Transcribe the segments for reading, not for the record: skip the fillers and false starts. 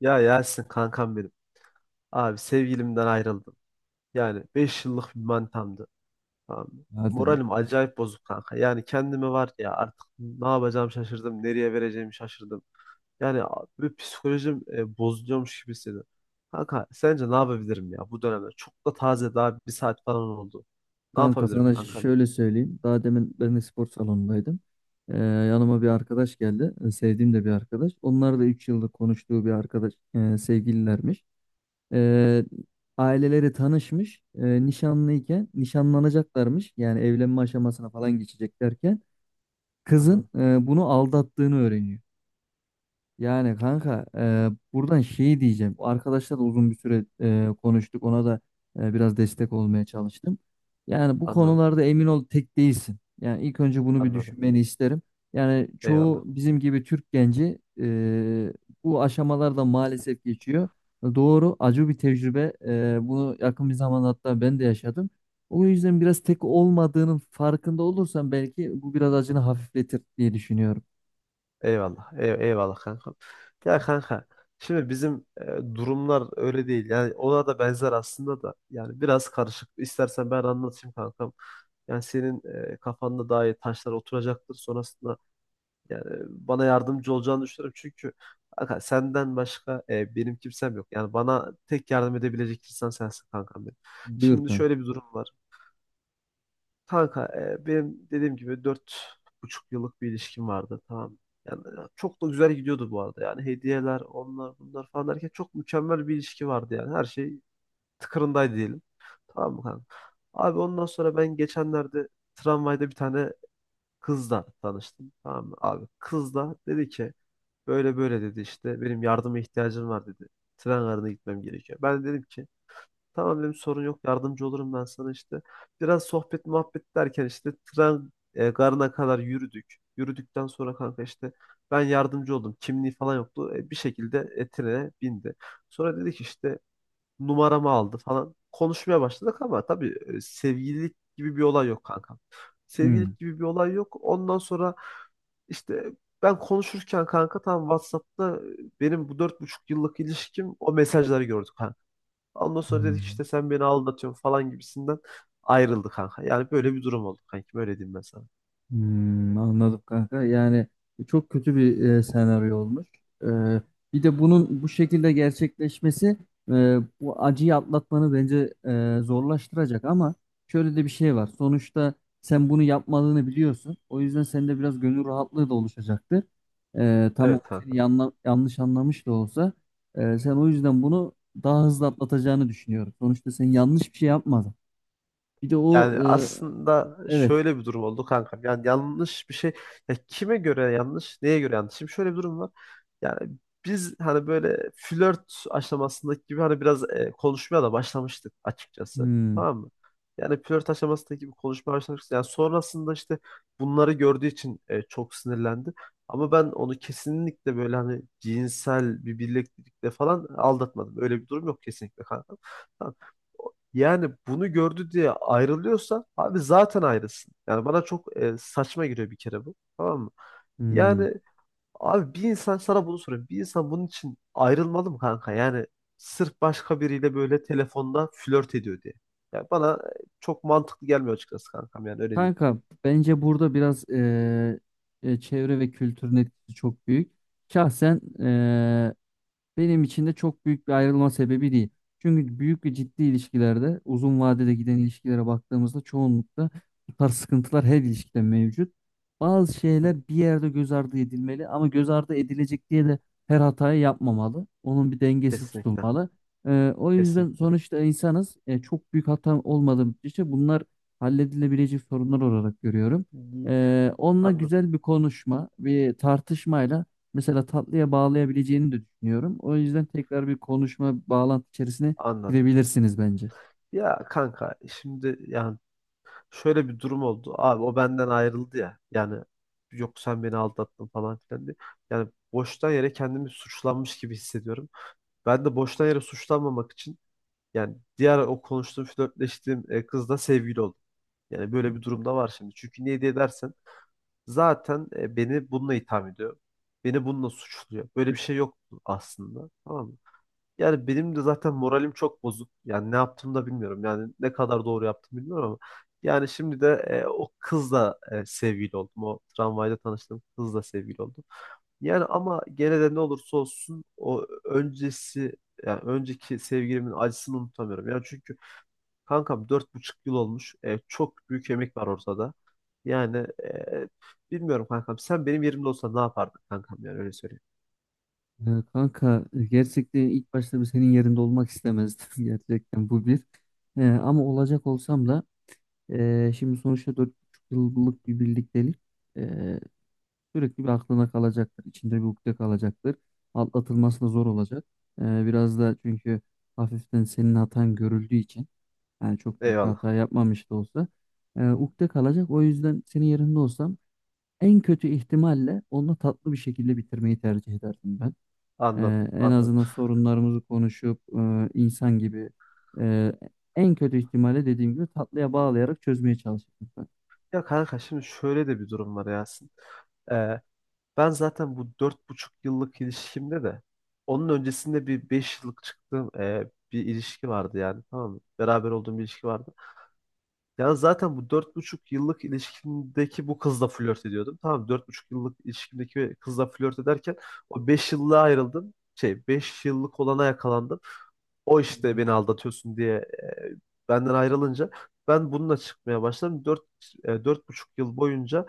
Ya Yasin kankam benim. Abi sevgilimden ayrıldım. Yani 5 yıllık bir mantamdı. Tamam mı? Hadi be. Moralim acayip bozuk kanka. Yani kendimi var ya artık ne yapacağım şaşırdım. Nereye vereceğimi şaşırdım. Yani bir psikolojim bozuluyormuş gibi hissediyorum. Kanka sence ne yapabilirim ya bu dönemde? Çok da taze, daha bir saat falan oldu. Ne Kanka yapabilirim sana kankam benim? şöyle söyleyeyim. Daha demin ben de spor salonundaydım. Yanıma bir arkadaş geldi. Sevdiğim de bir arkadaş. Onlar da 3 yıldır konuştuğu bir arkadaş sevgililermiş. Ee, Aileleri tanışmış. Nişanlıyken nişanlanacaklarmış. Yani evlenme aşamasına falan geçeceklerken kızın Anladım. Bunu aldattığını öğreniyor. Yani kanka buradan şeyi diyeceğim. Arkadaşla da uzun bir süre konuştuk. Ona da biraz destek olmaya çalıştım. Yani bu Anladım, konularda kankam. emin ol tek değilsin. Yani ilk önce bunu bir Anladım. düşünmeni isterim. Yani çoğu Eyvallah. bizim gibi Türk genci bu aşamalarda maalesef geçiyor. Doğru, acı bir tecrübe. Bunu yakın bir zaman hatta ben de yaşadım. O yüzden biraz tek olmadığının farkında olursan belki bu biraz acını hafifletir diye düşünüyorum. Eyvallah. Eyvallah kanka. Ya kanka, şimdi bizim durumlar öyle değil. Yani ona da benzer aslında da. Yani biraz karışık. İstersen ben anlatayım kankam. Yani senin kafanda daha iyi taşlar oturacaktır. Sonrasında yani bana yardımcı olacağını düşünüyorum. Çünkü kanka, senden başka benim kimsem yok. Yani bana tek yardım edebilecek insan sensin kankam benim. Buyur Şimdi kanka. şöyle bir durum var. Kanka, benim dediğim gibi 4,5 yıllık bir ilişkim vardı, tamam mı? Yani çok da güzel gidiyordu bu arada, yani hediyeler onlar bunlar falan derken çok mükemmel bir ilişki vardı, yani her şey tıkırındaydı diyelim. Tamam mı kanka? Abi, ondan sonra ben geçenlerde tramvayda bir tane kızla tanıştım, tamam mı abi? Kız da dedi ki böyle böyle dedi, işte benim yardıma ihtiyacım var dedi. Tren garına gitmem gerekiyor. Ben de dedim ki tamam dedim, sorun yok, yardımcı olurum ben sana işte. Biraz sohbet muhabbet derken işte tren garına kadar yürüdük. Yürüdükten sonra kanka işte ben yardımcı oldum. Kimliği falan yoktu. Bir şekilde trene bindi. Sonra dedi ki işte numaramı aldı falan. Konuşmaya başladık, ama tabii sevgililik gibi bir olay yok kanka. Hmm. Sevgililik gibi bir olay yok. Ondan sonra işte ben konuşurken kanka tam WhatsApp'ta benim bu 4,5 yıllık ilişkim o mesajları gördük. Ondan sonra dedik Hmm. işte sen beni aldatıyorsun falan gibisinden ayrıldı kanka. Yani böyle bir durum oldu kankim, öyle diyeyim ben sana. Hmm, anladım kanka. Yani çok kötü bir senaryo olmuş. E, Bir de bunun bu şekilde gerçekleşmesi bu acıyı atlatmanı bence zorlaştıracak ama şöyle de bir şey var. Sonuçta sen bunu yapmadığını biliyorsun. O yüzden sende biraz gönül rahatlığı da oluşacaktır. Tamam, Evet o seni kanka. Yanlış anlamış da olsa sen o yüzden bunu daha hızlı atlatacağını düşünüyorum. Sonuçta sen yanlış bir şey yapmadın. Bir de o Yani aslında evet. şöyle bir durum oldu kanka. Yani yanlış bir şey. Ya kime göre yanlış, neye göre yanlış? Şimdi şöyle bir durum var. Yani biz hani böyle flört aşamasındaki gibi hani biraz konuşmaya da başlamıştık açıkçası. Hmm, Tamam mı? Yani flört aşamasındaki gibi konuşmaya başlamıştık. Yani sonrasında işte bunları gördüğü için çok sinirlendi. Ama ben onu kesinlikle böyle hani cinsel bir birliktelikle falan aldatmadım. Öyle bir durum yok kesinlikle kanka. Yani bunu gördü diye ayrılıyorsa abi zaten ayrılsın. Yani bana çok saçma geliyor bir kere bu. Tamam mı? hmm. Yani abi, bir insan sana bunu soruyor. Bir insan bunun için ayrılmalı mı kanka? Yani sırf başka biriyle böyle telefonda flört ediyor diye. Yani bana çok mantıklı gelmiyor açıkçası kankam. Yani öyle değil. Kanka bence burada biraz çevre ve kültürün etkisi çok büyük. Şahsen benim için de çok büyük bir ayrılma sebebi değil. Çünkü büyük ve ciddi ilişkilerde, uzun vadede giden ilişkilere baktığımızda çoğunlukla bu tarz sıkıntılar her ilişkide mevcut. Bazı Hı. şeyler bir yerde göz ardı edilmeli ama göz ardı edilecek diye de her hatayı yapmamalı. Onun bir dengesi Kesinlikle. tutulmalı. O yüzden Kesinlikle. sonuçta insanız. Çok büyük hata olmadığı müddetçe bunlar halledilebilecek sorunlar olarak görüyorum. İyi. Onunla Anladım. güzel bir konuşma, bir tartışmayla mesela tatlıya bağlayabileceğini de düşünüyorum. O yüzden tekrar bir konuşma bağlantı içerisine Anladım. girebilirsiniz bence. Ya kanka, şimdi yani şöyle bir durum oldu. Abi o benden ayrıldı ya. Yani yok sen beni aldattın falan filan diye. Yani boştan yere kendimi suçlanmış gibi hissediyorum. Ben de boştan yere suçlanmamak için yani diğer o konuştuğum, flörtleştiğim kızla sevgili oldum. Yani böyle bir durumda var şimdi. Çünkü niye diye dersen zaten beni bununla itham ediyor. Beni bununla suçluyor. Böyle bir şey yok aslında. Tamam mı? Yani benim de zaten moralim çok bozuk. Yani ne yaptığımı da bilmiyorum. Yani ne kadar doğru yaptım bilmiyorum ama. Yani şimdi de o kızla sevgili oldum. O tramvayda tanıştığım kızla sevgili oldum. Yani ama gene de ne olursa olsun o öncesi, yani önceki sevgilimin acısını unutamıyorum. Yani çünkü kankam 4,5 yıl olmuş. Çok büyük emek var ortada. Yani e, bilmiyorum kankam. Sen benim yerimde olsan ne yapardın kankam, yani öyle söyleyeyim. Ya kanka gerçekten ilk başta bir senin yerinde olmak istemezdim gerçekten bu bir. Ama olacak olsam da şimdi sonuçta 4,5 yıllık bir birliktelik ee, sürekli bir aklına kalacaktır. İçinde bir ukde kalacaktır. Atlatılması da zor olacak. Biraz da çünkü hafiften senin hatan görüldüğü için. Yani çok büyük bir Eyvallah. hata yapmamış da olsa. Ukde kalacak. O yüzden senin yerinde olsam en kötü ihtimalle onunla tatlı bir şekilde bitirmeyi tercih ederdim ben. E, Anladım. En Anladım. azından sorunlarımızı konuşup insan gibi e, en kötü ihtimalle dediğim gibi tatlıya bağlayarak çözmeye çalışırdım ben. Ya kanka, şimdi şöyle de bir durum var Yasin. Ee, ben zaten bu 4,5 yıllık ilişkimde de onun öncesinde bir 5 yıllık çıktığım bir ilişki vardı yani, tamam mı? Beraber olduğum bir ilişki vardı. Ya zaten bu 4,5 yıllık ilişkimdeki bu kızla flört ediyordum. Tamam, 4,5 yıllık ilişkimdeki kızla flört ederken o 5 yıllığa ayrıldım. Şey, 5 yıllık olana yakalandım. O işte beni aldatıyorsun diye benden ayrılınca ben bununla çıkmaya başladım. Dört buçuk yıl boyunca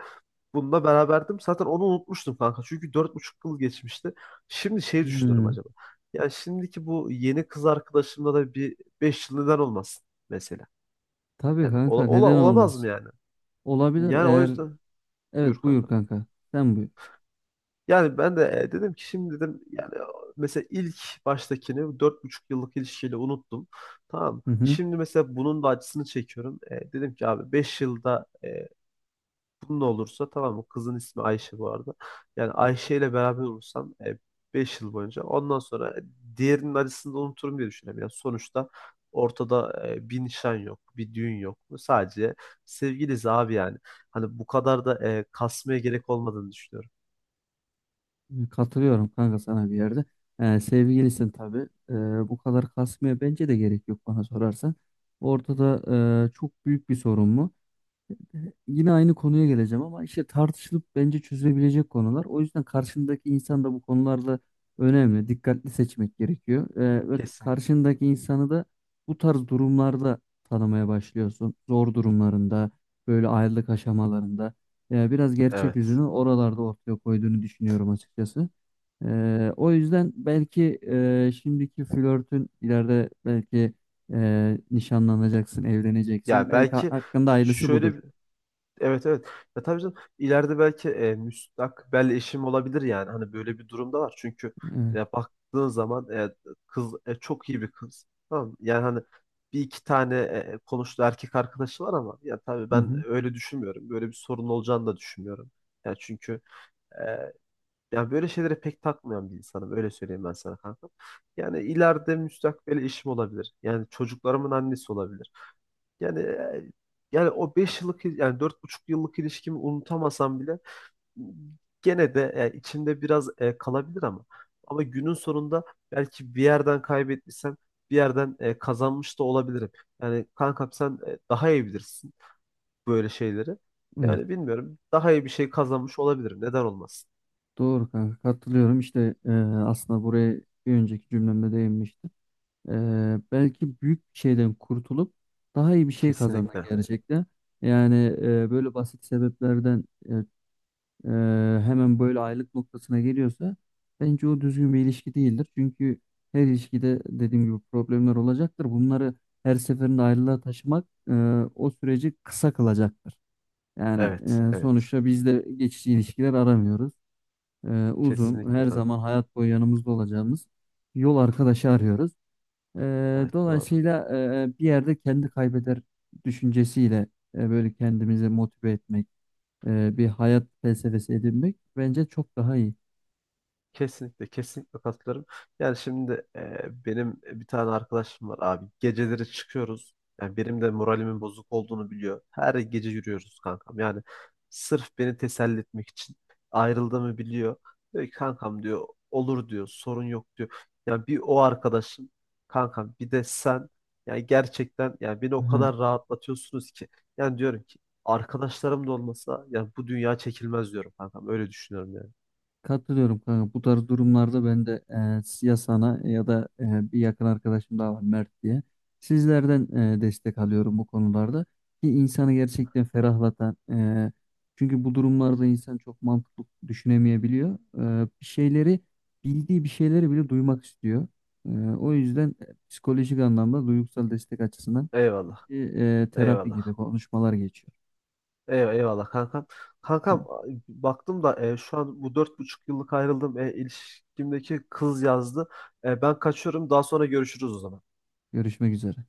bununla beraberdim. Zaten onu unutmuştum kanka. Çünkü 4,5 yıl geçmişti. Şimdi şey düşünüyorum Hmm. acaba. Ya şimdiki bu yeni kız arkadaşımla da bir 5 yıl neden olmasın mesela. Tabii Yani kanka, neden olamaz olmaz? mı yani? Olabilir Yani o eğer, yüzden buyur evet buyur kanka. kanka, sen buyur. Yani ben de dedim ki şimdi dedim yani mesela ilk baştakini 4,5 yıllık ilişkiyle unuttum. Tamam. Hı hı. Şimdi mesela bunun da acısını çekiyorum. Dedim ki abi 5 yılda bunun olursa, tamam mı? Kızın ismi Ayşe bu arada. Yani Ayşe ile beraber olursam 5 yıl boyunca ondan sonra diğerinin acısını da unuturum diye düşünüyorum. Yani sonuçta ortada bir nişan yok, bir düğün yok. Sadece sevgiliyiz abi yani. Hani bu kadar da kasmaya gerek olmadığını düşünüyorum. Katılıyorum kanka sana bir yerde. Sevgilisin tabii. Bu kadar kasmaya bence de gerek yok bana sorarsan. Ortada çok büyük bir sorun mu? Ee, Yine aynı konuya geleceğim ama işte tartışılıp bence çözülebilecek konular. O yüzden karşındaki insan da bu konularda önemli. Dikkatli seçmek gerekiyor. Ve Kesin. karşındaki insanı da bu tarz durumlarda tanımaya başlıyorsun. Zor durumlarında, böyle ayrılık aşamalarında. Biraz gerçek yüzünü Evet. oralarda ortaya koyduğunu düşünüyorum açıkçası. O yüzden belki şimdiki flörtün ileride belki nişanlanacaksın, Yani evleneceksin. Belki belki hakkında hayırlısı budur. şöyle. Evet, evet. Ya tabii canım, ileride belki müstakbel eşim olabilir yani. Hani böyle bir durumda var. Çünkü Evet. ya baktığın zaman kız çok iyi bir kız. Tamam mı? Yani hani bir iki tane konuştuğu erkek arkadaşı var ama ya tabii Hı ben hı. öyle düşünmüyorum. Böyle bir sorun olacağını da düşünmüyorum. Ya çünkü e, ya böyle şeylere pek takmayan bir insanım. Öyle söyleyeyim ben sana kanka. Yani ileride müstakbel eşim olabilir. Yani çocuklarımın annesi olabilir. Yani e, yani o 5 yıllık, yani 4,5 yıllık ilişkimi unutamasam bile gene de içimde biraz kalabilir, ama günün sonunda belki bir yerden kaybettiysem bir yerden kazanmış da olabilirim. Yani kankam, sen daha iyi bilirsin böyle şeyleri. Evet. Yani bilmiyorum, daha iyi bir şey kazanmış olabilirim. Neden olmasın? Doğru kanka. Katılıyorum. İşte aslında buraya bir önceki cümlemde değinmiştim. E, Belki büyük bir şeyden kurtulup daha iyi bir şey kazandın Kesinlikle. gerçekten. Yani böyle basit sebeplerden e, hemen böyle aylık noktasına geliyorsa bence o düzgün bir ilişki değildir. Çünkü her ilişkide dediğim gibi problemler olacaktır. Bunları her seferinde ayrılığa taşımak o süreci kısa kılacaktır. Yani Evet, evet. sonuçta biz de geçici ilişkiler aramıyoruz. Uzun, Kesinlikle her zaman kanka. hayat boyu yanımızda olacağımız yol arkadaşı arıyoruz. E, Evet, doğru. Dolayısıyla bir yerde kendi kaybeder düşüncesiyle böyle kendimizi motive etmek, bir hayat felsefesi edinmek bence çok daha iyi. Kesinlikle, kesinlikle katılıyorum. Yani şimdi benim bir tane arkadaşım var abi. Geceleri çıkıyoruz. Yani benim de moralimin bozuk olduğunu biliyor. Her gece yürüyoruz kankam. Yani sırf beni teselli etmek için ayrıldığımı biliyor. Diyor ki kankam diyor, olur diyor, sorun yok diyor. Yani bir o arkadaşım kankam, bir de sen, yani gerçekten yani beni o Hı. kadar rahatlatıyorsunuz ki. Yani diyorum ki arkadaşlarım da olmasa yani bu dünya çekilmez diyorum kankam. Öyle düşünüyorum yani. Katılıyorum kanka. Bu tarz durumlarda ben de ya sana ya da bir yakın arkadaşım daha var, Mert diye. Sizlerden destek alıyorum bu konularda. Ki insanı gerçekten ferahlatan. Çünkü bu durumlarda insan çok mantıklı düşünemeyebiliyor. Bir şeyleri bildiği bir şeyleri bile duymak istiyor. E, O yüzden psikolojik anlamda duygusal destek açısından Eyvallah. Terapi gibi Eyvallah. konuşmalar geçiyor. Eyvallah, eyvallah kankam. Kankam, baktım da şu an bu 4,5 yıllık ayrıldığım ilişkimdeki kız yazdı. Ben kaçıyorum, daha sonra görüşürüz o zaman. Görüşmek üzere.